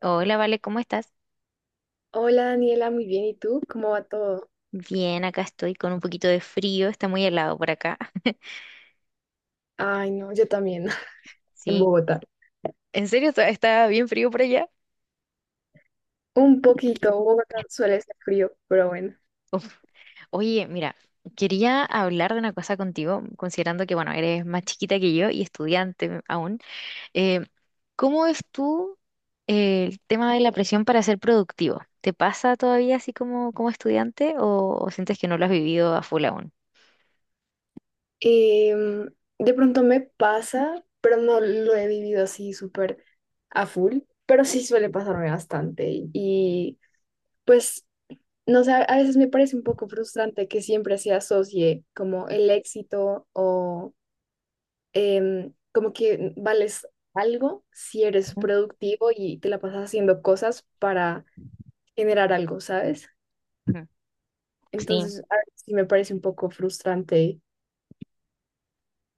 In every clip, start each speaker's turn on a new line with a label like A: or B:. A: Hola, Vale, ¿cómo estás?
B: Hola Daniela, muy bien. ¿Y tú? ¿Cómo va todo?
A: Bien, acá estoy con un poquito de frío, está muy helado por acá.
B: Ay, no, yo también, en
A: Sí.
B: Bogotá.
A: ¿En serio está bien frío por allá?
B: Un poquito, Bogotá suele ser frío, pero bueno.
A: Uf. Oye, mira, quería hablar de una cosa contigo, considerando que, bueno, eres más chiquita que yo y estudiante aún. Eh, ¿Cómo es tú el tema de la presión para ser productivo? ¿Te pasa todavía así como, como estudiante o sientes que no lo has vivido a full aún?
B: Em, de pronto me pasa, pero no lo he vivido así súper a full, pero sí suele pasarme bastante. Pues, no sé, a veces me parece un poco frustrante que siempre se asocie como el éxito o como que vales algo si eres
A: Ujú,
B: productivo y te la pasas haciendo cosas para generar algo, ¿sabes?
A: ujú. Sí.
B: Entonces, a veces sí me parece un poco frustrante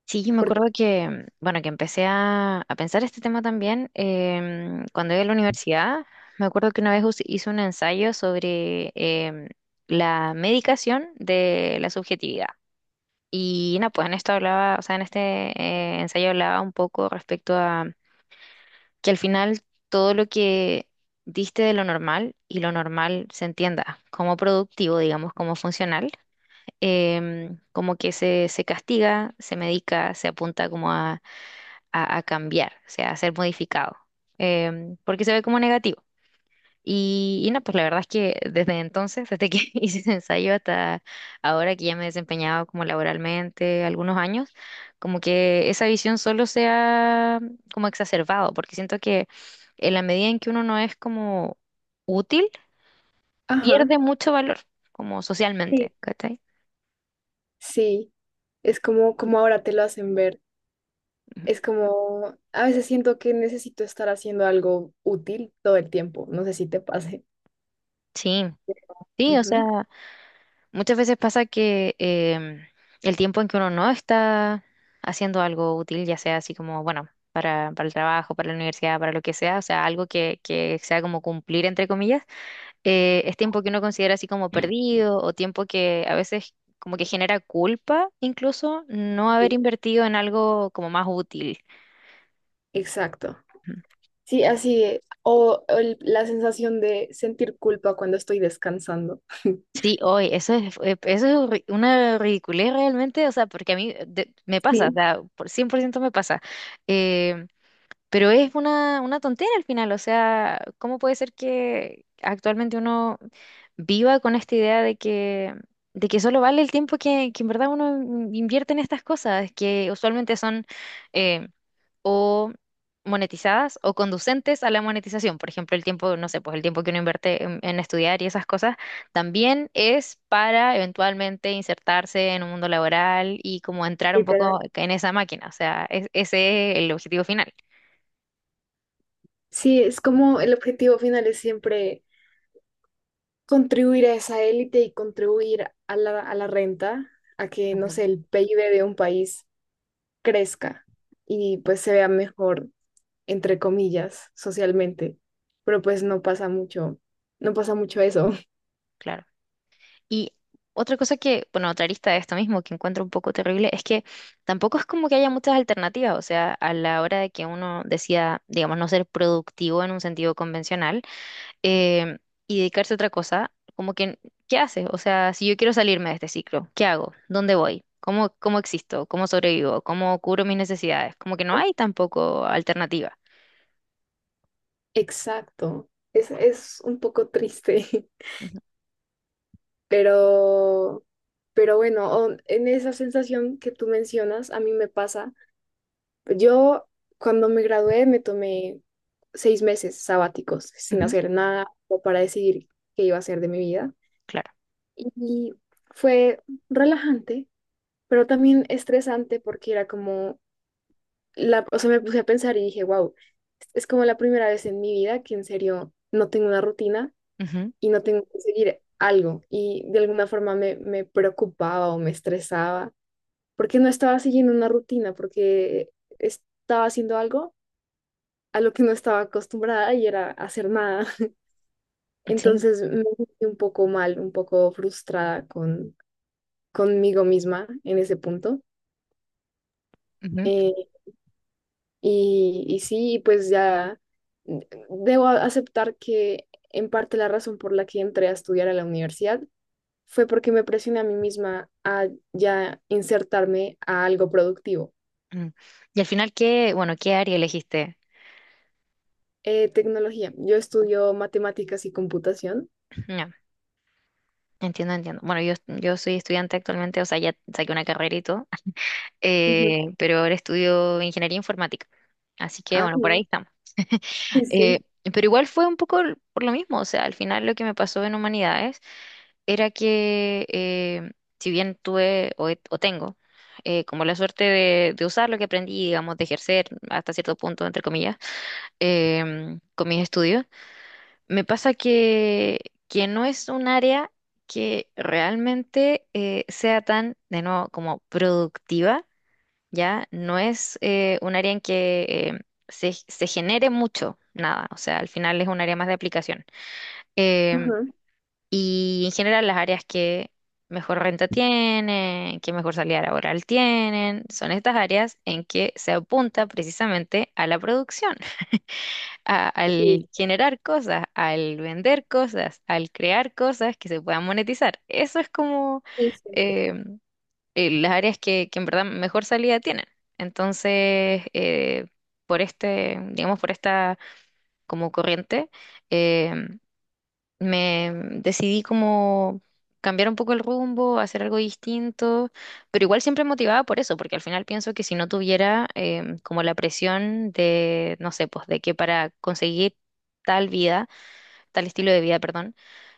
A: Sí, yo me
B: porque,
A: acuerdo que, bueno, que empecé a pensar este tema también cuando iba a la universidad. Me acuerdo que una vez hice un ensayo sobre la medicación de la subjetividad. Y no, pues en esto hablaba, o sea, en este ensayo hablaba un poco respecto a que al final todo lo que diste de lo normal y lo normal se entienda como productivo, digamos, como funcional, como que se castiga, se medica, se apunta como a a cambiar, o sea, a ser modificado, porque se ve como negativo. Y no, pues la verdad es que desde entonces, desde que hice ese ensayo hasta ahora que ya me he desempeñado como laboralmente algunos años, como que esa visión solo se ha como exacerbado, porque siento que en la medida en que uno no es como útil,
B: ajá.
A: pierde mucho valor, como
B: Sí,
A: socialmente, ¿cachai?
B: sí, es como, como ahora te lo hacen ver.
A: Ujú.
B: Es como, a veces siento que necesito estar haciendo algo útil todo el tiempo. No sé si te pase.
A: Sí, sí, o
B: Ujú,
A: sea... Muchas veces pasa que el tiempo en que uno no está haciendo algo útil, ya sea así como, bueno, para el trabajo, para la universidad, para lo que sea, o sea, algo que sea como cumplir, entre comillas, es tiempo que uno considera así como perdido o tiempo que a veces como que genera culpa incluso no haber
B: sí,
A: invertido en algo como más útil.
B: exacto.
A: Ujú.
B: Sí, así, es. La sensación de sentir culpa cuando estoy descansando.
A: Sí, hoy, eso es una ridiculez realmente, o sea, porque a mí me pasa, o
B: Sí,
A: sea, por 100% me pasa. eh, Pero es una tontera al final, o sea, ¿cómo puede ser que actualmente uno viva con esta idea de que solo vale el tiempo que en verdad uno invierte en estas cosas, que usualmente son eh, o monetizadas o conducentes a la monetización? Por ejemplo, el tiempo, no sé, pues el tiempo que uno invierte en estudiar y esas cosas también es para eventualmente insertarse en un mundo laboral y como entrar un
B: literal.
A: poco en esa máquina, o sea, ese es el objetivo final.
B: Sí, es como el objetivo final es siempre contribuir a esa élite y contribuir a la renta, a que, no
A: Ujú.
B: sé, el PIB de un país crezca y pues se vea mejor, entre comillas, socialmente. Pero pues no pasa mucho, no pasa mucho eso.
A: Claro. Y otra cosa que, bueno, otra arista de esto mismo que encuentro un poco terrible es que tampoco es como que haya muchas alternativas, o sea, a la hora de que uno decida, digamos, no ser productivo en un sentido convencional, eh, y dedicarse a otra cosa, como que, ¿qué hace? O sea, si yo quiero salirme de este ciclo, ¿qué hago? ¿Dónde voy? ¿Cómo, cómo existo? ¿Cómo sobrevivo? ¿Cómo cubro mis necesidades? Como que no hay tampoco alternativa.
B: Exacto. Es un poco triste,
A: Ujú,
B: pero, pero bueno, en esa sensación que tú mencionas, a mí me pasa. Yo cuando me gradué me tomé seis meses sabáticos sin
A: ujú,
B: hacer nada o para decidir qué iba a hacer de mi vida.
A: claro.
B: Y fue relajante, pero también estresante porque era como, me puse a pensar y dije, wow, es como la primera vez en mi vida que en serio no tengo una rutina
A: Ujú,
B: y no tengo que seguir algo. Y de alguna forma me preocupaba o me estresaba porque no estaba siguiendo una rutina, porque estaba haciendo algo a lo que no estaba acostumbrada y era hacer nada.
A: sí.
B: Entonces me sentí un poco mal, un poco frustrada conmigo misma en ese punto.
A: Ujú,
B: Eh, sí, pues ya debo aceptar que en parte la razón por la que entré a estudiar a la universidad fue porque me presioné a mí misma a ya insertarme a algo productivo.
A: ujú. Y al final, ¿qué, bueno, qué área elegiste?
B: Tecnología. Yo estudio matemáticas y computación.
A: No. Entiendo, entiendo. Bueno, yo soy estudiante actualmente, o sea, ya saqué una carrera y todo,
B: Ujú.
A: pero ahora estudio ingeniería informática. Así que,
B: Ah,
A: bueno, por ahí
B: guau.
A: estamos.
B: Sí,
A: Eh,
B: sí.
A: pero igual fue un poco por lo mismo, o sea, al final lo que me pasó en humanidades era que, si bien tuve o, o tengo como la suerte de usar lo que aprendí, digamos, de ejercer hasta cierto punto, entre comillas, con mis estudios me pasa que no es un área que realmente sea tan, de nuevo, como productiva, ¿ya? No es un área en que eh, se, se genere mucho, nada. O sea, al final es un área más de aplicación. Em,
B: Ajá.
A: y en general las áreas que mejor renta tienen, que mejor salida laboral tienen, son estas áreas en que se apunta precisamente a la producción
B: Sí,
A: al generar cosas, al vender cosas, al crear cosas que se puedan monetizar. Eso es como
B: sí, siempre.
A: eh, las áreas que en verdad mejor salida tienen. Entonces, por este, digamos, por esta como corriente, em, me decidí como cambiar un poco el rumbo, hacer algo distinto, pero igual siempre motivada por eso, porque al final pienso que si no tuviera como la presión de, no sé, pues de que para conseguir tal vida, tal estilo de vida, perdón,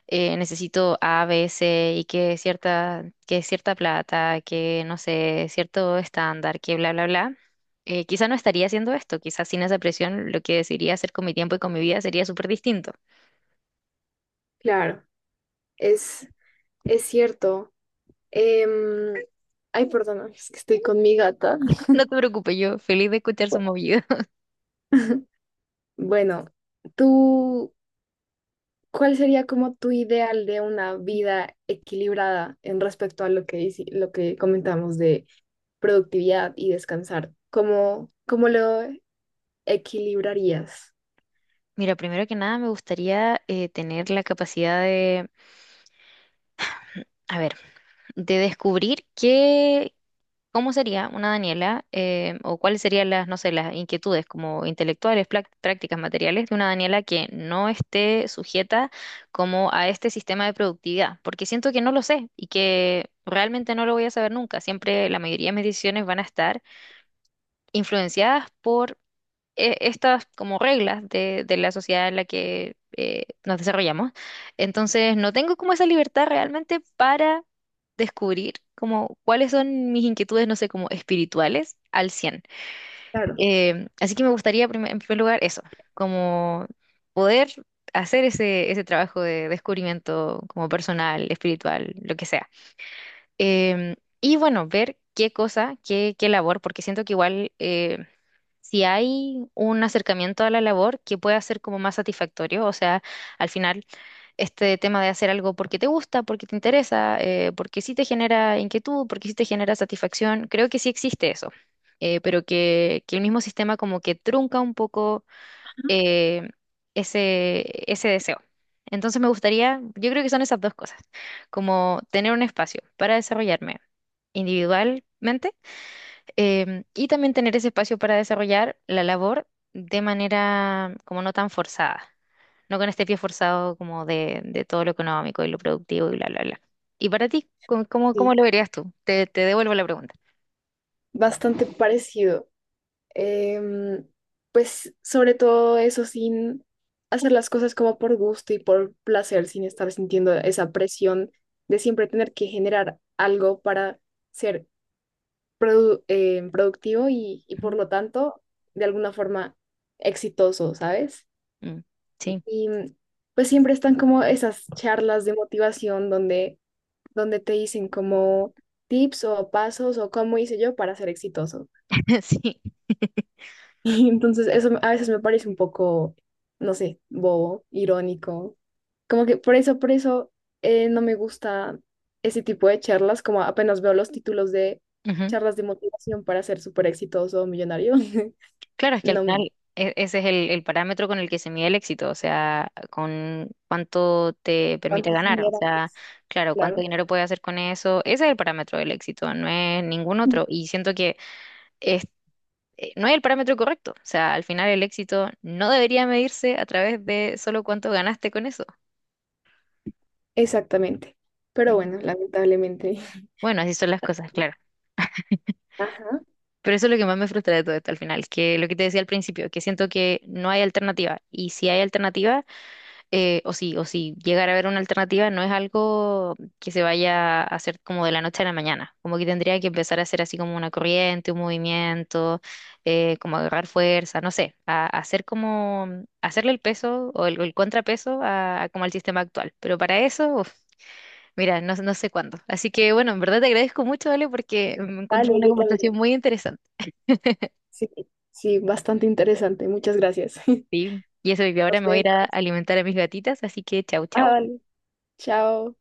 A: necesito A, B, C y que cierta plata, que no sé, cierto estándar, que bla, bla, bla. Quizá no estaría haciendo esto, quizás sin esa presión lo que decidiría hacer con mi tiempo y con mi vida sería súper distinto.
B: Claro, es, es cierto. Em, ay, perdón, es que estoy con mi gata.
A: No te preocupes, yo feliz de escuchar su movido.
B: Bueno, tú, ¿cuál sería como tu ideal de una vida equilibrada en respecto a lo que, lo que comentamos de productividad y descansar? ¿Cómo, cómo lo equilibrarías?
A: Mira, primero que nada me gustaría tener la capacidad de, a ver, de descubrir qué, cómo sería una Daniela, o cuáles serían las, no sé, las inquietudes como intelectuales, prácticas, materiales de una Daniela que no esté sujeta como a este sistema de productividad, porque siento que no lo sé y que realmente no lo voy a saber nunca. Siempre la mayoría de mis decisiones van a estar influenciadas por estas como reglas de la sociedad en la que nos desarrollamos. Entonces, no tengo como esa libertad realmente para descubrir como cuáles son mis inquietudes, no sé, como espirituales al cien.
B: Claro,
A: Así que me gustaría en primer lugar eso, como poder hacer ese, ese trabajo de descubrimiento como personal, espiritual, lo que sea. Em, y bueno, ver qué cosa, qué, qué labor, porque siento que igual... si hay un acercamiento a la labor que pueda ser como más satisfactorio, o sea, al final este tema de hacer algo porque te gusta, porque te interesa, porque sí te genera inquietud, porque sí te genera satisfacción, creo que sí existe eso, pero que el mismo sistema como que trunca un poco eh, ese, ese deseo. Entonces me gustaría, yo creo que son esas dos cosas, como tener un espacio para desarrollarme individualmente, y también tener ese espacio para desarrollar la labor de manera como no tan forzada, no con este pie forzado como de todo lo económico y lo productivo y bla, bla, bla. ¿Y para ti, cómo, cómo,
B: sí,
A: cómo lo verías tú? Te devuelvo la pregunta.
B: bastante parecido. Em, pues sobre todo eso, sin hacer las cosas como por gusto y por placer, sin estar sintiendo esa presión de siempre tener que generar algo para ser productivo y por
A: Ujú.
B: lo tanto de alguna forma exitoso, ¿sabes?
A: Mm. Sí,
B: Y mm, pues siempre están como esas charlas de motivación donde, donde te dicen como tips o pasos o cómo hice yo para ser exitoso.
A: sí.
B: Y entonces eso a veces me parece un poco, no sé, bobo, irónico. Como que por eso no me gusta ese tipo de charlas, como apenas veo los títulos de
A: Ujú.
B: charlas de motivación para ser súper exitoso o millonario.
A: Claro, es que al
B: No,
A: final ese es el parámetro con el que se mide el éxito, o sea, con cuánto te permite
B: cuántos
A: ganar, o
B: dinero,
A: sea,
B: pues,
A: claro, cuánto
B: claro.
A: dinero puedes hacer con eso, ese es el parámetro del éxito, no es ningún
B: Mm.
A: otro. Y siento que es- no es el parámetro correcto. O sea, al final el éxito no debería medirse a través de solo cuánto ganaste con eso.
B: Exactamente. Pero
A: Ujú.
B: bueno, lamentablemente.
A: Bueno, así son las cosas, claro.
B: Ajá.
A: Pero eso es lo que más me frustra de todo esto al final, que lo que te decía al principio, que siento que no hay alternativa. Y si hay alternativa, o si llegar a ver una alternativa, no es algo que se vaya a hacer como de la noche a la mañana. Como que tendría que empezar a hacer así como una corriente, un movimiento, como agarrar fuerza, no sé, a hacer como, hacerle el peso o el contrapeso a como al sistema actual. Pero para eso, uf, mira, no, no sé cuándo. Así que bueno, en verdad te agradezco mucho, Ale, porque me encuentro
B: Dale,
A: una
B: yo también.
A: conversación muy interesante.
B: Sí, sí, bastante interesante. Muchas gracias. Nos
A: Sí. Y eso, y ahora me voy a ir a
B: vemos.
A: alimentar a mis gatitas, así que chau,
B: Ah,
A: chau.
B: vale. Chao.